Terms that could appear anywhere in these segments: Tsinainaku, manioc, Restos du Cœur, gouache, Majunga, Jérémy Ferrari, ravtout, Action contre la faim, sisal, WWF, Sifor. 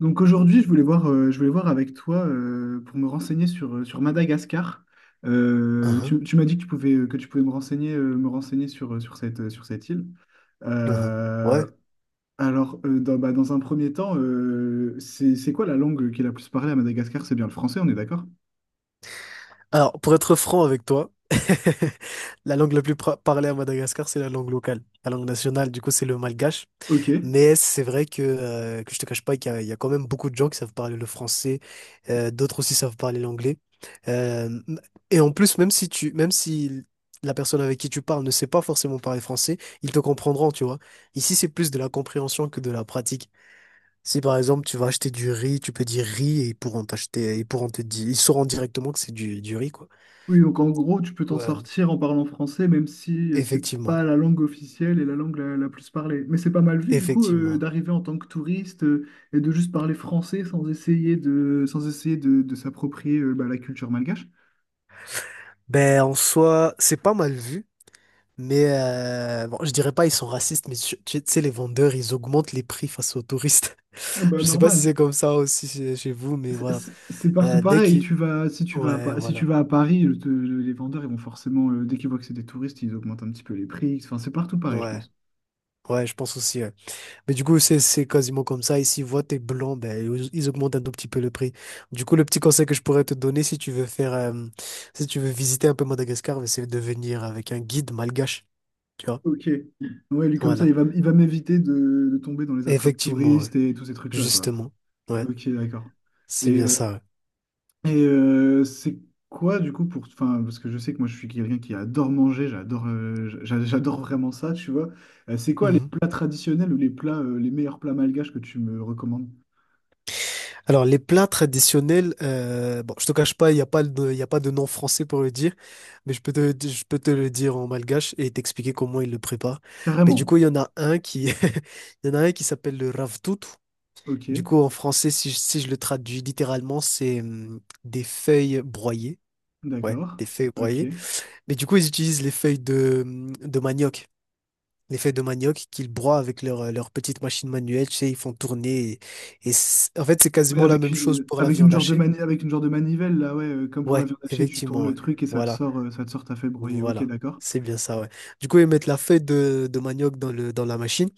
Donc aujourd'hui, je voulais voir avec toi, pour me renseigner sur Madagascar. Euh, Uhum, tu, tu m'as dit que tu pouvais me renseigner sur cette île. uhum. Ouais. Euh, alors, dans un premier temps, c'est quoi la langue qui est la plus parlée à Madagascar? C'est bien le français, on est d'accord? Alors, pour être franc avec toi, la langue la plus parlée à Madagascar, c'est la langue locale. La langue nationale, du coup, c'est le malgache. Ok. Mais c'est vrai que je te cache pas qu'il y a quand même beaucoup de gens qui savent parler le français, d'autres aussi savent parler l'anglais. Euh, et en plus, même si la personne avec qui tu parles ne sait pas forcément parler français, ils te comprendront, tu vois. Ici, c'est plus de la compréhension que de la pratique. Si par exemple tu vas acheter du riz, tu peux dire riz et ils pourront t'acheter, ils pourront te dire, ils sauront directement que c'est du riz, quoi. Oui, donc en gros, tu peux t'en Ouais, sortir en parlant français, même si, c'est effectivement, pas la langue officielle et la langue la plus parlée. Mais c'est pas mal vu, du coup, effectivement. d'arriver en tant que touriste, et de juste parler français, sans essayer de, de, s'approprier, bah, la culture malgache. Ben en soi, c'est pas mal vu. Mais bon, je dirais pas ils sont racistes, mais tu sais, les vendeurs, ils augmentent les prix face aux touristes. Ah bah, Je sais pas si normal. c'est comme ça aussi chez vous, mais C'est voilà. c'est- c'est partout Euh, dès pareil. qu'ils... Tu vas, si tu vas à, Ouais, Pa- si tu voilà. vas à Paris, les vendeurs, ils vont forcément, dès qu'ils voient que c'est des touristes, ils augmentent un petit peu les prix. Enfin, c'est partout pareil, je Ouais. pense. Ouais, je pense aussi, ouais. Mais du coup, c'est quasiment comme ça. Ici, voient t'es blanc, ben, ils augmentent un tout petit peu le prix. Du coup, le petit conseil que je pourrais te donner si tu veux faire, si tu veux visiter un peu Madagascar, ben, c'est de venir avec un guide malgache. Tu vois? Ok. Ouais, lui, comme ça, Voilà. il va, m'éviter de tomber dans les attrapes Effectivement, ouais. touristes et tous ces trucs-là, quoi. Justement. Ouais. Ok, d'accord. C'est Et, bien ça, ouais. c'est quoi du coup pour... Enfin, parce que je sais que moi je suis quelqu'un qui adore manger, j'adore vraiment ça, tu vois. C'est quoi les Mhm. plats traditionnels ou les meilleurs plats malgaches que tu me recommandes? Alors, les plats traditionnels, bon, je te cache pas, il n'y a pas de, il y a pas de nom français pour le dire, mais je peux te le dire en malgache et t'expliquer comment ils le préparent. Mais du Carrément. coup, il y en a un qui, il y en a un qui s'appelle le ravtout. Ok, Du coup, en français, si, si je le traduis littéralement, c'est des feuilles broyées. Ouais, d'accord. des feuilles Ok. broyées. Mais du coup, ils utilisent les feuilles de manioc. Les feuilles de manioc qu'ils broient avec leur, leur petite machine manuelle, tu sais, ils font tourner. Et c'est- en fait, c'est Oui, quasiment la même chose pour la avec une viande genre de hachée. mani- avec une genre de manivelle, là, ouais, comme pour la Ouais, viande hachée, tu tournes effectivement, le ouais. truc et ça te Voilà, sort, euh, ça te sort ta fait broyer. Ok, voilà. d'accord. C'est bien ça, ouais. Du coup, ils mettent la feuille de manioc dans le, dans la machine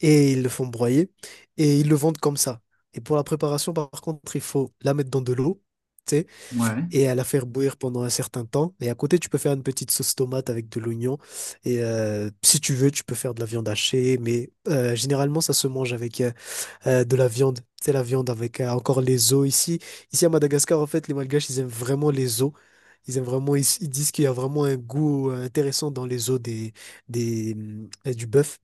et ils le font broyer et ils le vendent comme ça. Et pour la préparation, par contre, il faut la mettre dans de l'eau, tu sais, Ouais. et à la faire bouillir pendant un certain temps. Et à côté, tu peux faire une petite sauce tomate avec de l'oignon. Et si tu veux, tu peux faire de la viande hachée, mais généralement, ça se mange avec, de la viande. C'est la viande avec encore les os ici. Ici à Madagascar, en fait, les Malgaches, ils aiment vraiment les os. Ils aiment vraiment, ils disent qu'il y a vraiment un goût intéressant dans les os du bœuf.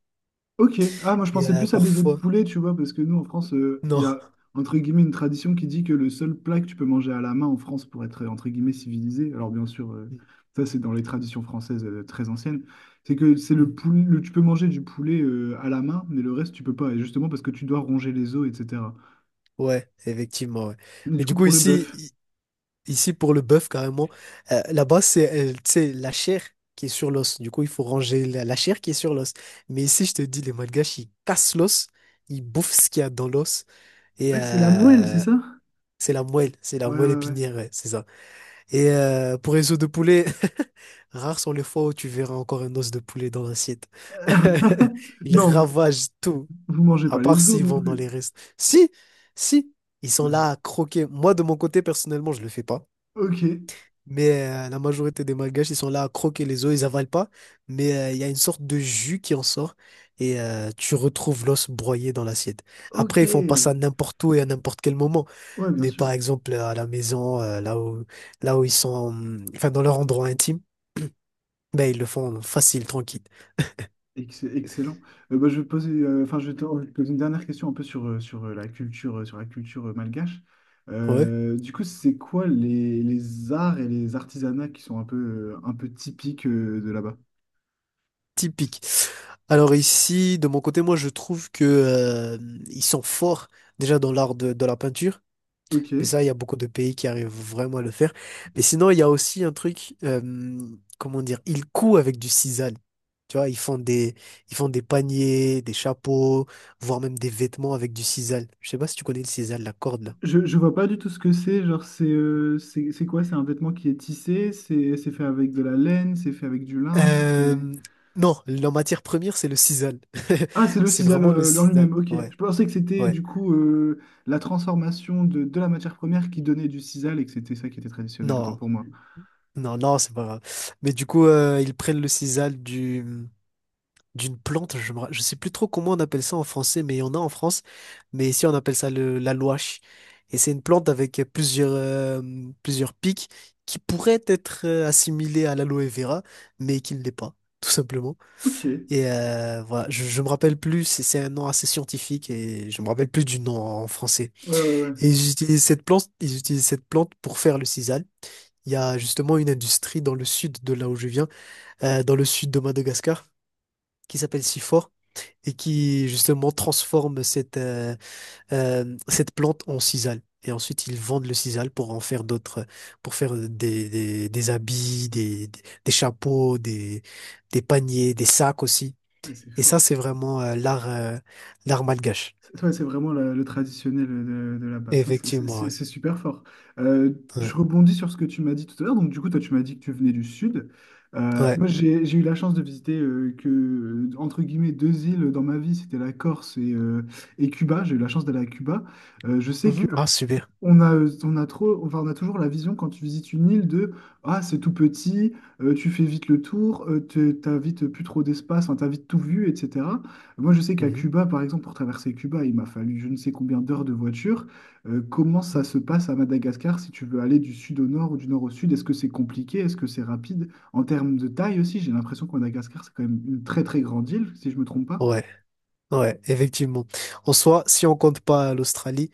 Ok, ah moi je Et pensais plus à des œufs de parfois, poulet, tu vois, parce que nous, en France, il y non. a entre guillemets une tradition qui dit que le seul plat que tu peux manger à la main en France pour être, entre guillemets, civilisé, alors bien sûr, Hum, ça, c'est dans les traditions françaises, très anciennes, c'est que c'est le hum. poulet, tu peux manger du poulet, à la main, mais le reste tu peux pas, et justement parce que tu dois ronger les os, etc. Ouais, effectivement, ouais. Mais Mais du du coup coup, pour le ici, bœuf, i- ici pour le bœuf, carrément, là-bas, c'est tu sais, la chair qui est sur l'os. Du coup, il faut ranger la chair qui est sur l'os. Mais ici, je te dis, les Malgaches, ils cassent l'os, ils bouffent ce qu'il y a dans l'os. Et, ouais, c'est la moelle, c'est euh, ça? C'est la Ouais, ouais, moelle ouais. épinière, ouais, c'est ça. Et pour les os de poulet, rares sont les fois où tu verras encore un os de poulet dans l'assiette. Ils Non, vous, ravagent tout, vous mangez à pas part les os s'ils non vont dans plus. les restes. Si, si, ils sont là à croquer. Moi, de mon côté, personnellement, je le fais pas. Ok, Mais la majorité des Malgaches, ils sont là à croquer les os, ils avalent pas. Mais il y a une sorte de jus qui en sort et tu retrouves l'os broyé dans l'assiette. ok, Après, ils font pas ça n'importe où et à n'importe quel moment. ouais, bien Mais sûr. par exemple, à la maison, là où ils sont, enfin, dans leur endroit intime, ben, ils le font facile, tranquille. Excellent. Bah, je vais poser, enfin, je vais te poser une dernière question un peu sur, sur la culture, malgache. Ouais, Du coup, c'est quoi les arts et les artisanats qui sont un peu typiques, de là-bas? typique. Alors ici, de mon côté, moi, je trouve que ils sont forts déjà dans l'art de la peinture. Ok. Mais ça, il y a beaucoup de pays qui arrivent vraiment à le faire. Mais sinon, il y a aussi un truc, comment dire, ils couent avec du sisal. Tu vois, ils font des paniers, des chapeaux, voire même des vêtements avec du sisal. Je sais pas si tu connais le sisal, la corde là. Je vois pas du tout ce que c'est. Genre, c'est quoi? C'est un vêtement qui est tissé, c'est fait avec de la laine, c'est fait avec du lin, c'est fait. Euh, non, la matière première, c'est le sisal. Ah, c'est le C'est sisal, vraiment le en sisal. lui-même, ok. Ouais, Je pensais que c'était ouais. du coup, la transformation de, la matière première qui donnait du sisal et que c'était ça qui était traditionnel, autant Non, pour moi. non, non, c'est pas grave. Mais du coup, ils prennent le sisal d'une plante, je me sais plus trop comment on appelle ça en français, mais il y en a en France. Mais ici, on appelle ça la gouache. Et c'est une plante avec plusieurs pics qui pourraient être assimilées à l'aloe vera, mais qui ne l'est pas, tout simplement. Ok, ouais, Et voilà, je me rappelle plus, c'est un nom assez scientifique et je me rappelle plus du nom en français. ouais, ouais. Et ils utilisent cette plante, ils utilisent cette plante pour faire le sisal. Il y a justement une industrie dans le sud de là où je viens, dans le sud de Madagascar, qui s'appelle Sifor et qui justement transforme cette plante en sisal. Et ensuite, ils vendent le sisal pour en faire d'autres, pour faire des habits, des chapeaux, des paniers, des sacs aussi. Ouais, c'est Et ça, fort. c'est vraiment l'art l'art malgache. C'est ouais, c'est vraiment le traditionnel de là-bas. Putain, c'est c'est- Effectivement, c'est- ouais. c'est super fort. Euh, je Ouais, rebondis sur ce que tu m'as dit tout à l'heure. Donc, du coup, toi, tu m'as dit que tu venais du sud. Euh, ouais. moi, j'ai eu la chance de visiter, entre guillemets, deux îles dans ma vie. C'était la Corse et Cuba. J'ai eu la chance d'aller à Cuba. Je sais Mhm. Ah, super. On a trop, enfin, on a toujours la vision quand tu visites une île de: ah, c'est tout petit, tu fais vite le tour, t'as vite plus trop d'espace, enfin, t'as vite tout vu, etc. Moi, je sais qu'à Mhm. Cuba par exemple, pour traverser Cuba, il m'a fallu je ne sais combien d'heures de voiture. Comment ça Mhm. se passe à Madagascar si tu veux aller du sud au nord ou du nord au sud? Est-ce que c'est compliqué? Est-ce que c'est rapide? En termes de taille aussi, j'ai l'impression que Madagascar, c'est quand même une très très grande île, si je me trompe pas. Ouais, ouais, effectivement. En soi, si on compte pas l'Australie,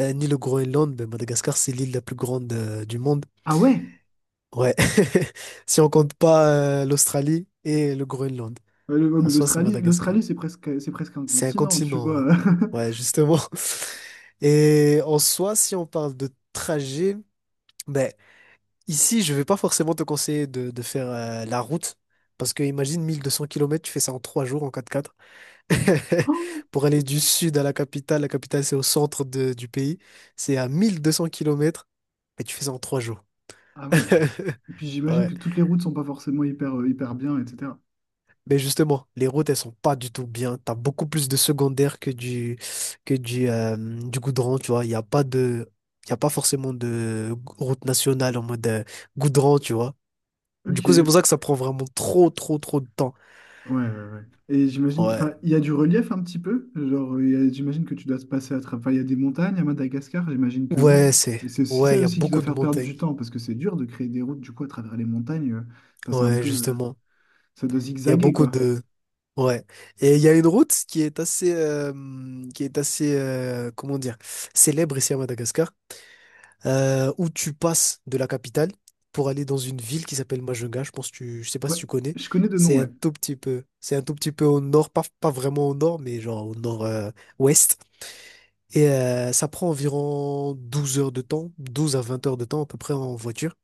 ni le Groenland, ben Madagascar, c'est l'île la plus grande du monde. Ah ouais, Ouais, si on compte pas l'Australie et le Groenland. Ouais, En mais soi, c'est l'Australie Madagascar. l'Australie c'est presque un C'est un continent, tu continent, ouais. vois. Ouais, justement. Et en soi, si on parle de trajet, ben, ici, je vais pas forcément te conseiller de faire la route. Parce que imagine 1 200 kilomètres, tu fais ça en 3 jours en quatre Pour aller du sud à la capitale c'est au centre du pays. C'est à 1 200 kilomètres, mais tu fais ça en 3 jours. Ah oui. Et puis j'imagine Ouais. que toutes les routes sont pas forcément hyper bien, etc. Mais justement, les routes, elles sont pas du tout bien. T'as beaucoup plus de secondaires que du goudron, tu vois. Il n'y a pas de, il y a pas forcément de route nationale en mode goudron, tu vois. Du Ok. coup, c'est Ouais, pour ça que ça prend vraiment trop, trop, trop de temps. ouais, ouais. Et j'imagine, Ouais. enfin, il y a du relief un petit peu. Genre, j'imagine que tu dois te passer à travers. Enfin, il y a des montagnes à Madagascar, j'imagine que oui. Ouais, c'est, Et c'est aussi ouais, ça il y a aussi qui doit beaucoup de faire perdre du montagnes. temps, parce que c'est dur de créer des routes du coup à travers les montagnes. Enfin, c'est un Ouais, peu. Justement. Ça doit Il y a zigzaguer, beaucoup quoi. de, ouais. Et il y a une route qui est assez, comment dire, célèbre ici à Madagascar, où tu passes de la capitale pour aller dans une ville qui s'appelle Majunga. Je pense que je sais pas si Ouais, tu connais. je connais de nom, C'est un ouais. tout petit peu, c'est un tout petit peu au nord, pas vraiment au nord, mais genre au nord-ouest. Et ça prend environ 12 heures de temps, 12 à 20 heures de temps à peu près en voiture.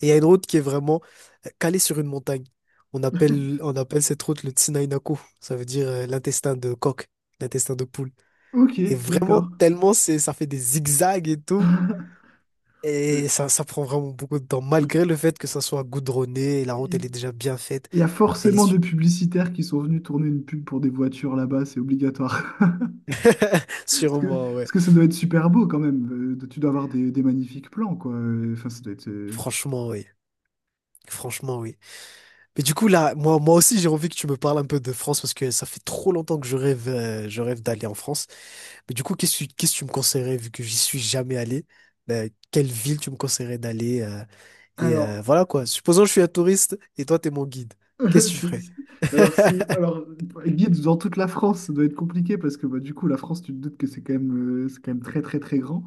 Et il y a une route qui est vraiment calée sur une montagne. On appelle cette route le Tsinainaku. Ça veut dire l'intestin de coq, l'intestin de poule. Ok, Et vraiment, d'accord. tellement c'est, ça fait des zigzags et tout. Et Euh, ça prend vraiment beaucoup de temps, malgré le fait que ça soit goudronné, la route elle Il est déjà bien faite, il y a elle est forcément des super. publicitaires qui sont venus tourner une pub pour des voitures là-bas, c'est obligatoire. Parce que, Sûrement, ouais. parce que ça doit être super beau quand même. Tu dois avoir des magnifiques plans, quoi. Enfin, ça doit être. Franchement, oui. Franchement, oui. Mais du coup, là, moi, moi aussi, j'ai envie que tu me parles un peu de France parce que ça fait trop longtemps que je rêve d'aller en France. Mais du coup, qu'est-ce que tu me conseillerais vu que j'y suis jamais allé? Ben, quelle ville tu me conseillerais d'aller? Et Alors, voilà quoi. Supposons que je suis un touriste et toi, t'es mon guide. Qu'est-ce que tu Si- ferais? si- alors, si, alors, guide dans toute la France, ça doit être compliqué parce que, bah, du coup, la France, tu te doutes que c'est quand même très, très, très grand.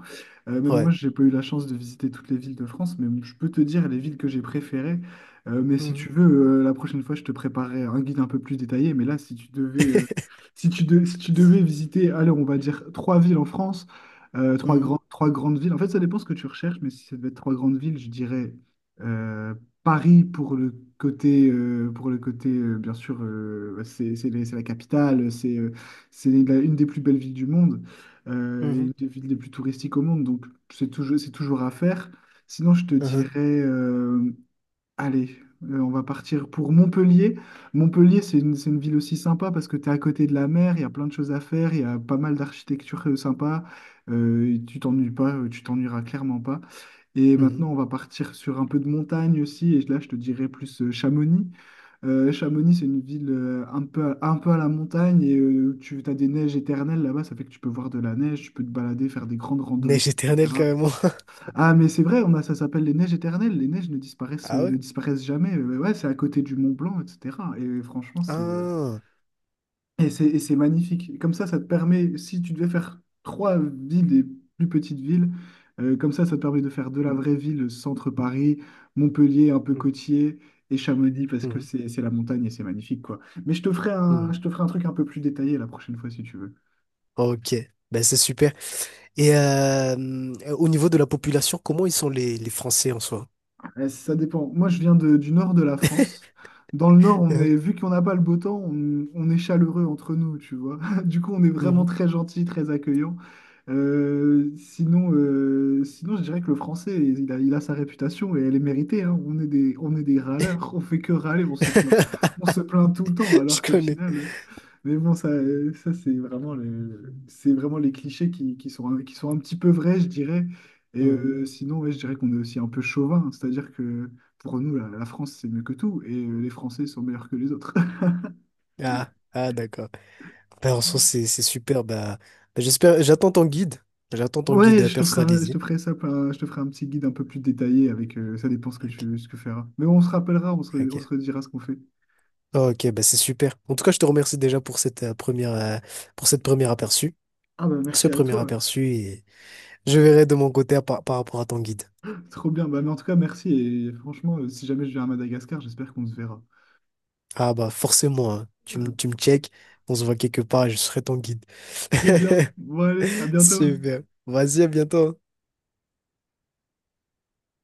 Même moi, Ouais. j'ai pas eu la chance de visiter toutes les villes de France, mais je peux te dire les villes que j'ai préférées. Mais si tu Mhm. veux, la prochaine fois, je te préparerai un guide un peu plus détaillé. Mais là, si tu devais, si tu devais visiter, alors on va dire trois villes en France, trois grandes villes. En fait, ça dépend ce que tu recherches, mais si ça devait être trois grandes villes, je dirais, euh, Paris pour le côté, bien sûr, bah, c'est la capitale, une des plus belles villes du monde, Mhm. Et une Mhm. des villes les plus touristiques au monde, donc c'est toujours à faire. Sinon, je te dirais, allez, on va partir pour Montpellier. Montpellier, c'est une ville aussi sympa parce que tu es à côté de la mer, il y a plein de choses à faire, il y a pas mal d'architecture, sympa, et tu t'ennuies pas, tu t'ennuieras clairement pas. Et Mhm. maintenant, on va partir sur un peu de montagne aussi. Et là, je te dirais plus, Chamonix. Chamonix, c'est une ville, un peu à la montagne et, tu as des neiges éternelles là-bas. Ça fait que tu peux voir de la neige, tu peux te balader, faire des grandes randonnées, Neige éternelle etc. carrément. Ah, mais c'est vrai, ça s'appelle les neiges éternelles. Les neiges ne disparaissent, Ah euh, ouais? ne disparaissent jamais. Ouais, c'est à côté du Mont Blanc, etc. Et franchement, c'est Ah. et c'est et c'est magnifique. Comme ça te permet, si tu devais faire trois villes, des plus petites villes, comme ça te permet de faire de la vraie ville, centre Paris, Montpellier un peu Mhm. côtier, et Chamonix parce que Mhm. c'est la montagne et c'est magnifique, quoi. Mais je te ferai un, Mhm. je te ferai un truc un peu plus détaillé la prochaine fois si tu veux. Ok. Ben c'est super. Et au niveau de la population, comment ils sont les Français en soi? Eh, ça dépend. Moi, je viens du nord de la France. Dans le nord, on Mhm. est, vu qu'on n'a pas le beau temps, on est chaleureux entre nous, tu vois. Du coup, on est vraiment Mhm. très gentil, très accueillant. Sinon, je dirais que le français, il a sa réputation et elle est méritée, hein. On est des râleurs, on fait que râler, on se plaint. On se plaint tout le temps, Je alors qu'au connais. final. Mais bon, ça c'est vraiment les clichés qui sont un petit peu vrais, je dirais. Et euh, Mhm. sinon, ouais, je dirais qu'on est aussi un peu chauvin, c'est-à-dire que pour nous, la France, c'est mieux que tout, et, les Français sont meilleurs que les autres. Ah, ah d'accord. Ben, en soi, c'est super. Ben, ben, j'espère, j'attends ton guide. J'attends ton guide Ouais, je personnalisé. te ferai ça, plein- je te ferai un petit guide un peu plus détaillé avec, ça dépend Ok. Ce que feras. Mais on se rappellera, on se Ok. redira ce qu'on fait. Ok, ben c'est super. En tout cas, je te remercie déjà pour cette première, pour cette première aperçu, Ah bah, ce merci à premier toi. aperçu. Je verrai de mon côté à par rapport à ton guide. Trop bien. Bah, mais en tout cas, merci. Et franchement, si jamais je viens à Madagascar, j'espère qu'on se verra. Ah bah forcément, hein. Tu me check, on se voit quelque part et je serai ton guide. Trop bien. Bon, allez, à bientôt. Super. Vas-y, à bientôt, hein.